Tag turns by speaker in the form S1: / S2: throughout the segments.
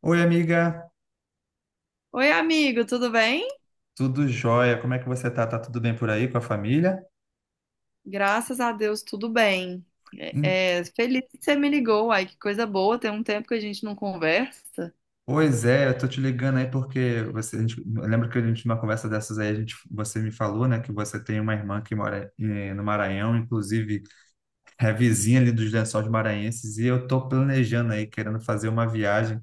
S1: Oi, amiga,
S2: Oi, amigo, tudo bem?
S1: tudo jóia? Como é que você tá? Tá tudo bem por aí com a família?
S2: Graças a Deus, tudo bem.
S1: Hum.
S2: Feliz que você me ligou. Ai, que coisa boa. Tem um tempo que a gente não conversa.
S1: Pois é, eu tô te ligando aí porque você, a gente, eu lembro que a gente, numa conversa dessas aí, a gente, você me falou, né, que você tem uma irmã que mora no Maranhão, inclusive é vizinha ali dos Lençóis Maranhenses, e eu tô planejando aí, querendo fazer uma viagem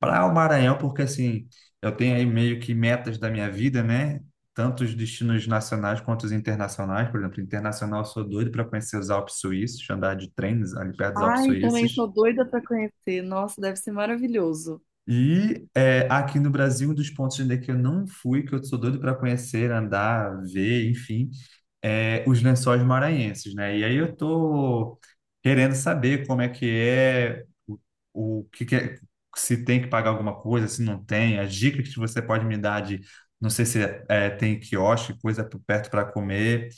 S1: para o Maranhão, porque assim, eu tenho aí meio que metas da minha vida, né? Tanto os destinos nacionais quanto os internacionais. Por exemplo, internacional, eu sou doido para conhecer os Alpes Suíços, andar de trens ali perto dos Alpes
S2: Ai, também sou
S1: Suíços.
S2: doida pra conhecer. Nossa, deve ser maravilhoso.
S1: E é, aqui no Brasil, um dos pontos ainda que eu não fui, que eu sou doido para conhecer, andar, ver, enfim, é, os Lençóis Maranhenses, né? E aí eu tô querendo saber como é que é, o que que é, se tem que pagar alguma coisa, se não tem, as dicas que você pode me dar de, não sei se é, tem quiosque, coisa por perto para comer.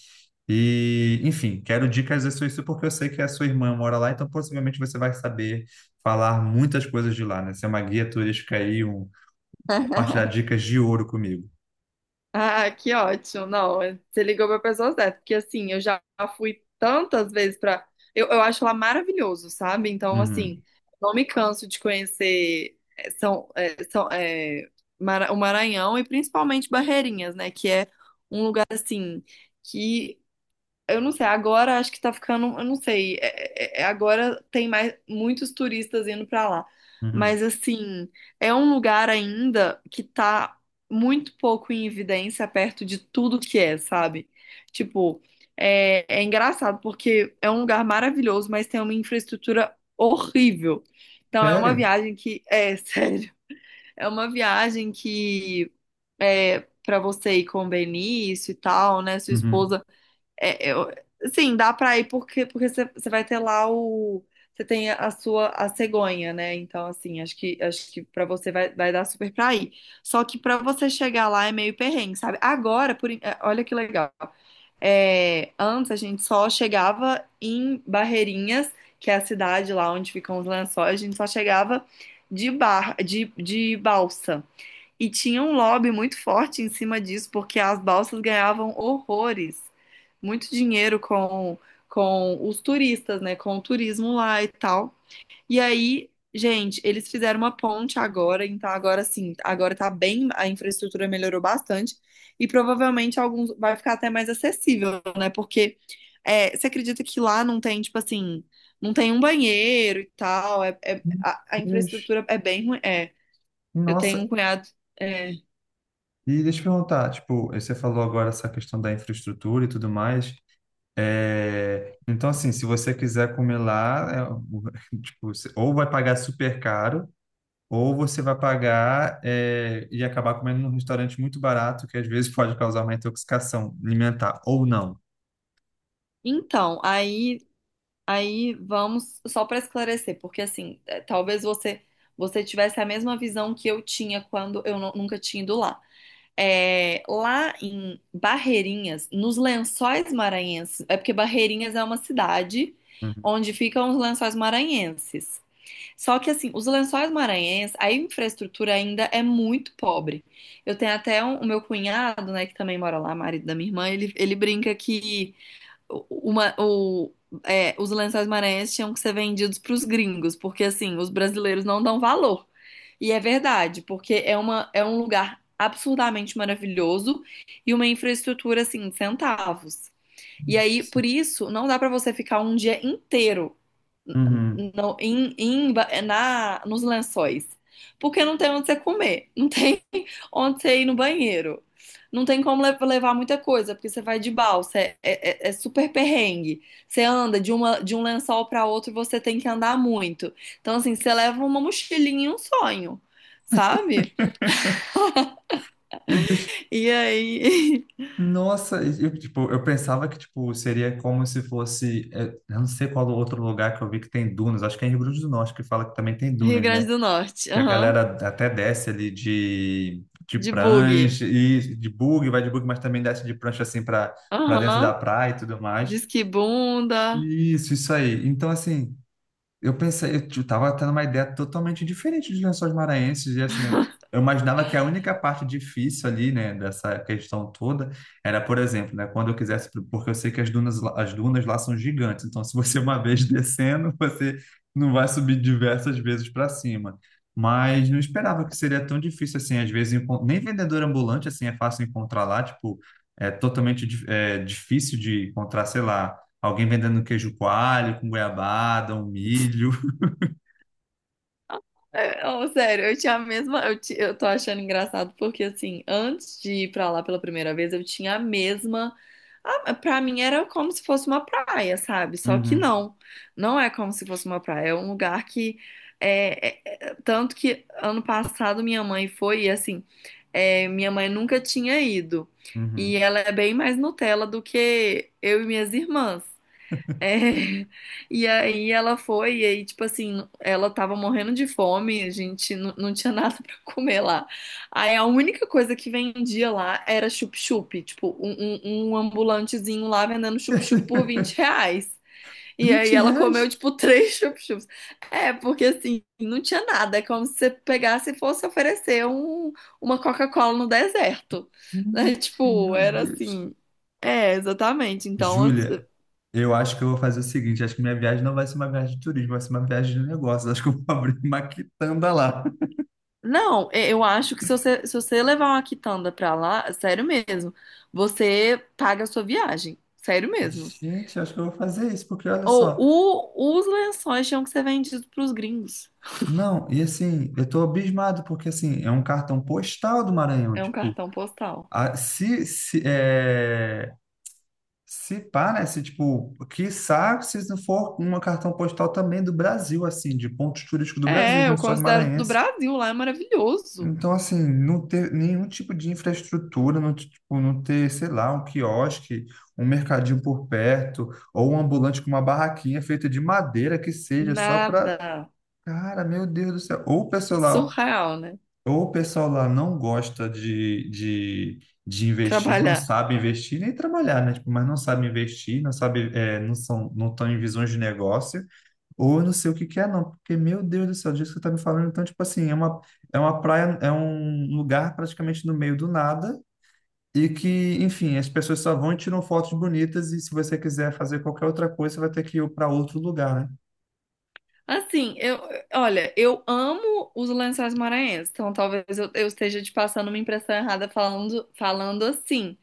S1: E, enfim, quero dicas sobre isso porque eu sei que a sua irmã mora lá, então possivelmente você vai saber falar muitas coisas de lá, né? Ser uma guia turística aí, um, compartilhar dicas de ouro comigo.
S2: Ah, que ótimo. Não, você ligou para pessoa certa, porque assim, eu já fui tantas vezes para eu acho lá maravilhoso, sabe? Então,
S1: Uhum,
S2: assim, não me canso de conhecer o Maranhão e principalmente Barreirinhas, né? Que é um lugar assim que eu não sei, agora acho que tá ficando, eu não sei, agora tem mais muitos turistas indo pra lá.
S1: uhum.
S2: Mas assim, é um lugar ainda que tá muito pouco em evidência perto de tudo que é, sabe? Tipo, é engraçado porque é um lugar maravilhoso, mas tem uma infraestrutura horrível. Então é uma
S1: Sério?
S2: viagem que, sério, é uma viagem que é para você ir com o Benício e tal, né, sua
S1: Uhum.
S2: esposa é, é, eu, sim, dá pra ir porque você vai ter lá o você tem a sua a cegonha, né? Então assim, acho que para você vai, vai dar super pra ir. Só que pra você chegar lá é meio perrengue, sabe? Agora, olha que legal. É, antes a gente só chegava em Barreirinhas, que é a cidade lá onde ficam os lençóis, a gente só chegava de balsa. E tinha um lobby muito forte em cima disso, porque as balsas ganhavam horrores, muito dinheiro com os turistas, né? Com o turismo lá e tal. E aí, gente, eles fizeram uma ponte agora, então agora sim, agora tá bem, a infraestrutura melhorou bastante e provavelmente alguns vai ficar até mais acessível, né? Porque você acredita que lá não tem, tipo assim, não tem um banheiro e tal,
S1: Meu
S2: a
S1: Deus.
S2: infraestrutura é bem ruim. É, eu
S1: Nossa,
S2: tenho um cunhado. é,
S1: e deixa eu perguntar, tipo, você falou agora essa questão da infraestrutura e tudo mais. É, então, assim, se você quiser comer lá, é, tipo, você ou vai pagar super caro, ou você vai pagar é, e acabar comendo num restaurante muito barato, que às vezes pode causar uma intoxicação alimentar, ou não.
S2: Então, aí vamos só para esclarecer, porque assim, é, talvez você tivesse a mesma visão que eu tinha quando eu nunca tinha ido lá. É, lá em Barreirinhas, nos Lençóis Maranhenses, é porque Barreirinhas é uma cidade
S1: Uhum.
S2: onde ficam os Lençóis Maranhenses. Só que assim, os Lençóis Maranhenses, a infraestrutura ainda é muito pobre. Eu tenho até o meu cunhado, né, que também mora lá, marido da minha irmã, ele brinca que uma, o, os lençóis maranhenses tinham que ser vendidos para os gringos, porque assim, os brasileiros não dão valor. E é verdade, porque é é um lugar absurdamente maravilhoso e uma infraestrutura assim, centavos. E aí, por isso, não dá para você ficar um dia inteiro
S1: Uhum.
S2: no, em, em, na, nos lençóis. Porque não tem onde você comer, não tem onde você ir no banheiro, não tem como levar muita coisa, porque você vai de balsa, é super perrengue. Você anda de um lençol para outro, você tem que andar muito. Então, assim, você leva uma mochilinha e um sonho, sabe?
S1: E,
S2: E aí,
S1: nossa, eu, tipo, eu pensava que, tipo, seria como se fosse, é, eu não sei qual outro lugar que eu vi que tem dunas, acho que é em Rio Grande do Norte que fala que também tem
S2: Rio
S1: dunas,
S2: Grande
S1: né?
S2: do Norte,
S1: E a
S2: aham,
S1: galera até desce ali de
S2: de bug,
S1: prancha e de bug, vai de bug, mas também desce de prancha assim para para dentro da
S2: aham,
S1: praia e tudo mais.
S2: disque bunda.
S1: Isso aí. Então, assim, eu pensei, tava tendo uma ideia totalmente diferente de Lençóis Maranhenses, e assim, eu imaginava que a única parte difícil ali, né, dessa questão toda, era, por exemplo, né, quando eu quisesse, porque eu sei que as dunas lá são gigantes, então se você uma vez descendo, você não vai subir diversas vezes para cima. Mas não esperava que seria tão difícil assim, às vezes, nem vendedor ambulante, assim, é fácil encontrar lá, tipo, é totalmente difícil de encontrar, sei lá, alguém vendendo queijo coalho com goiabada, um milho.
S2: Sério, eu tinha a mesma. Eu, eu tô achando engraçado porque, assim, antes de ir pra lá pela primeira vez, eu tinha a mesma. Ah, pra mim era como se fosse uma praia, sabe? Só que
S1: Uhum,
S2: não. Não é como se fosse uma praia. É um lugar que. Tanto que ano passado minha mãe foi, e assim. Minha mãe nunca tinha ido. E
S1: uhum.
S2: ela é bem mais Nutella do que eu e minhas irmãs. É, e aí ela foi, e aí, tipo assim, ela tava morrendo de fome, a gente não tinha nada pra comer lá. Aí a única coisa que vendia lá era chup-chup, tipo, um ambulantezinho lá vendendo chup-chup por R$ 20. E aí
S1: 20
S2: ela comeu,
S1: reais?
S2: tipo, três chup-chups. É, porque assim, não tinha nada, é como se você pegasse e fosse oferecer uma Coca-Cola no deserto. Né?
S1: 20,
S2: Tipo,
S1: meu
S2: era
S1: Deus.
S2: assim. É, exatamente. Então,
S1: Júlia, eu acho que eu vou fazer o seguinte: acho que minha viagem não vai ser uma viagem de turismo, vai ser uma viagem de negócios. Acho que eu vou abrir uma quitanda lá.
S2: não, eu acho que se você, se você levar uma quitanda pra lá, sério mesmo, você paga a sua viagem. Sério mesmo.
S1: Gente, acho que eu vou fazer isso, porque olha
S2: Ou
S1: só.
S2: os lençóis tinham que ser vendidos pros gringos.
S1: Não, e assim, eu tô abismado, porque assim, é um cartão postal do Maranhão.
S2: É um
S1: Tipo,
S2: cartão postal.
S1: a- se, se, é, se pá, né? Se, tipo, quiçá, se não for uma cartão postal também do Brasil, assim, de pontos turísticos do Brasil, os
S2: É, eu
S1: Lençóis
S2: considero do
S1: Maranhenses.
S2: Brasil, lá é maravilhoso.
S1: Então, assim, não ter nenhum tipo de infraestrutura, não, tipo, não ter, sei lá, um quiosque, um mercadinho por perto, ou um ambulante com uma barraquinha feita de madeira que seja, só para.
S2: Nada.
S1: Cara, meu Deus do céu.
S2: Surreal, né?
S1: Ou o pessoal lá não gosta de, investir, não
S2: Trabalhar.
S1: sabe investir nem trabalhar, né? Tipo, mas não sabe investir, não sabe, é, não são, não estão em visões de negócio, ou eu não sei o que que é, não, porque, meu Deus do céu, disso que você tá me falando, então, tipo assim, é uma praia, é um lugar praticamente no meio do nada, e que, enfim, as pessoas só vão e tiram fotos bonitas, e se você quiser fazer qualquer outra coisa, você vai ter que ir para outro lugar, né?
S2: Assim, eu, olha, eu amo os lençóis maranhenses, então eu esteja te passando uma impressão errada falando, falando assim.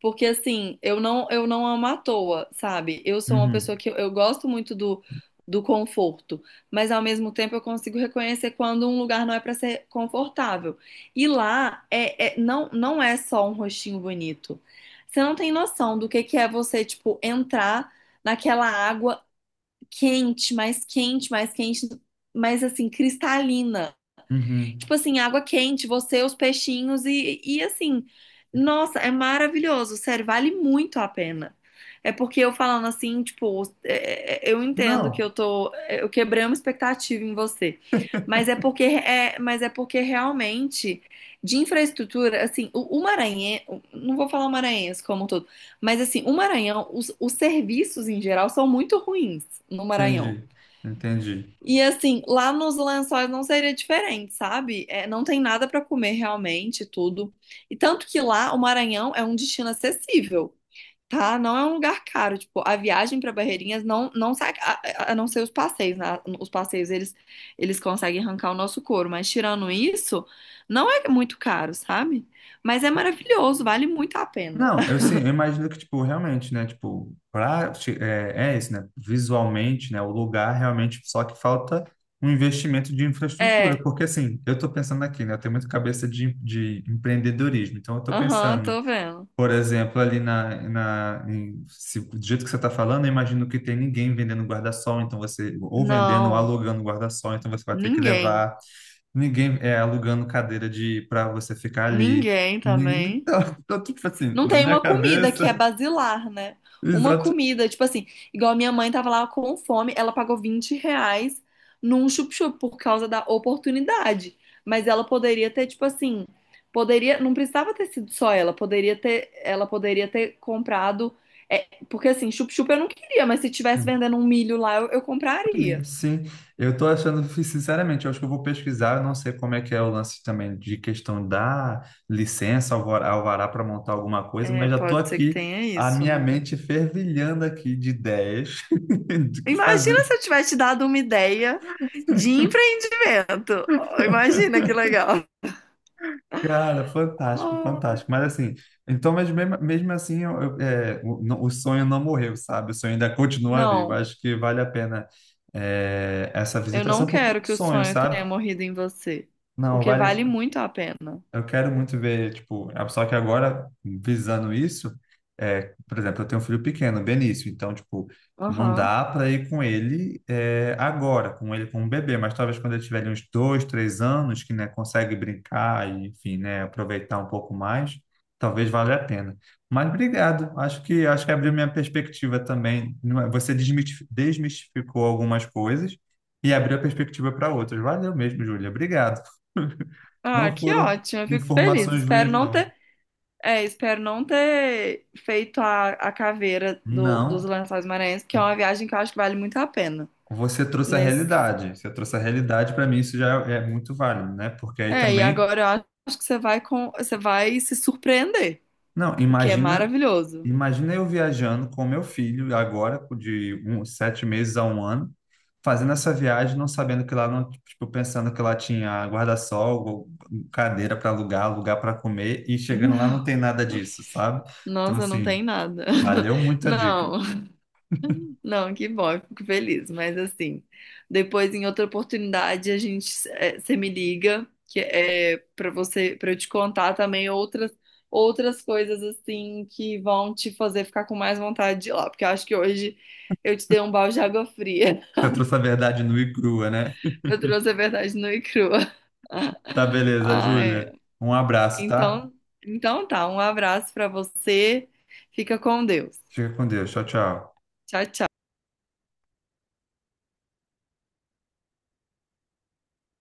S2: Porque assim, eu não amo à toa, sabe? Eu sou uma pessoa
S1: Uhum,
S2: que eu gosto muito do, do conforto, mas ao mesmo tempo eu consigo reconhecer quando um lugar não é para ser confortável. E lá não não é só um rostinho bonito. Você não tem noção do que é você, tipo, entrar naquela água quente, mais quente, mais quente, mas assim, cristalina
S1: uhum.
S2: tipo assim, água quente, você, os peixinhos e assim, nossa, é maravilhoso, sério, vale muito a pena. É porque eu falando assim, tipo, eu entendo que
S1: Não,
S2: eu tô, eu quebrei uma expectativa em você, mas é porque é, mas é porque realmente de infraestrutura, assim, o Maranhão, não vou falar maranhense como um todo, mas assim, o Maranhão, os serviços em geral são muito ruins no Maranhão.
S1: entendi, entendi.
S2: E assim, lá nos Lençóis não seria diferente, sabe? É, não tem nada para comer realmente, tudo. E tanto que lá o Maranhão é um destino acessível, tá? Não é um lugar caro. Tipo, a viagem para Barreirinhas não sai, a não ser os passeios, né? Os passeios eles conseguem arrancar o nosso couro, mas tirando isso, não é muito caro, sabe? Mas é maravilhoso, vale muito a pena.
S1: Não, eu sim, eu imagino que, tipo, realmente, né, tipo, pra, é, é isso, né, visualmente, né, o lugar realmente, só que falta um investimento de infraestrutura,
S2: É,
S1: porque, assim, eu tô pensando aqui, né, eu tenho muito cabeça de empreendedorismo, então eu tô
S2: aham,
S1: pensando,
S2: tô vendo.
S1: por exemplo, ali na, do jeito que você tá falando, eu imagino que tem ninguém vendendo guarda-sol, então você, ou vendendo ou
S2: Não,
S1: alugando guarda-sol, então você vai ter que
S2: ninguém,
S1: levar. Ninguém é alugando cadeira de para você ficar ali.
S2: ninguém
S1: Ninguém,
S2: também.
S1: tá, tá, tipo assim,
S2: Não
S1: na
S2: tem
S1: minha
S2: uma comida que é
S1: cabeça,
S2: basilar, né? Uma
S1: exatamente.
S2: comida, tipo assim, igual a minha mãe tava lá com fome, ela pagou R$ 20 num chup-chup por causa da oportunidade. Mas ela poderia ter, tipo assim, poderia, não precisava ter sido só ela poderia ter comprado, porque assim, chup-chup eu não queria, mas se tivesse vendendo um milho lá, eu compraria.
S1: Sim, eu tô achando, sinceramente, eu acho que eu vou pesquisar, eu não sei como é que é o lance também de questão da licença, alvará para montar alguma coisa,
S2: É,
S1: mas já tô
S2: pode ser que
S1: aqui,
S2: tenha
S1: a
S2: isso,
S1: minha
S2: né?
S1: mente fervilhando aqui de ideias do que
S2: Imagina
S1: fazer.
S2: se eu tivesse te dado uma ideia de empreendimento. Oh, imagina que legal.
S1: Cara, fantástico,
S2: Ah,
S1: fantástico. Mas assim, então, mas mesmo, mesmo assim, o sonho não morreu, sabe? O sonho ainda continua vivo.
S2: não,
S1: Acho que vale a pena, é, essa
S2: eu não
S1: visitação, porque é
S2: quero
S1: um
S2: que o
S1: sonho,
S2: sonho tenha
S1: sabe?
S2: morrido em você,
S1: Não,
S2: porque
S1: vale,
S2: vale muito a pena.
S1: eu quero muito ver, tipo, a- só que agora, visando isso, é, por exemplo, eu tenho um filho pequeno, Benício, então, tipo, não
S2: Aham.
S1: dá para ir com ele é, agora, com ele como bebê, mas talvez quando ele tiver ali uns dois, três anos, que, né, consegue brincar e, enfim, né, aproveitar um pouco mais, talvez valha a pena. Mas obrigado, acho que abriu minha perspectiva também. Não é- Você desmistificou algumas coisas e abriu a perspectiva para outras. Valeu mesmo, Júlia, obrigado.
S2: Ah,
S1: Não
S2: que
S1: foram
S2: ótimo, eu fico feliz.
S1: informações ruins, não.
S2: Espero não ter feito a caveira do, dos
S1: Não.
S2: Lençóis Maranhenses, que é uma viagem que eu acho que vale muito a pena.
S1: Você trouxe a
S2: Mas,
S1: realidade. Você trouxe a realidade, para mim isso já é muito válido, né? Porque aí
S2: e
S1: também,
S2: agora eu acho que você vai com, você vai se surpreender,
S1: não,
S2: porque é
S1: imagina,
S2: maravilhoso.
S1: imagina eu viajando com meu filho agora de uns 7 meses a 1 ano, fazendo essa viagem, não sabendo que lá não, tipo, pensando que lá tinha guarda-sol, cadeira para alugar, lugar para comer e chegando lá
S2: Não,
S1: não tem nada disso, sabe? Então
S2: nossa, não tem
S1: assim,
S2: nada.
S1: valeu muito a
S2: Não.
S1: dica.
S2: Não, que bom, eu fico feliz. Mas assim, depois em outra oportunidade a gente você me liga que é para você para eu te contar também outras outras coisas assim que vão te fazer ficar com mais vontade de ir lá, porque eu acho que hoje eu te dei um balde de água fria.
S1: Você trouxe a verdade nua e crua, né?
S2: Eu trouxe a verdade nua e crua.
S1: Tá, beleza,
S2: Ah, é.
S1: Júlia. Um abraço, tá?
S2: Então, então tá, um abraço para você. Fica com Deus.
S1: Fica com Deus. Tchau, tchau.
S2: Tchau, tchau.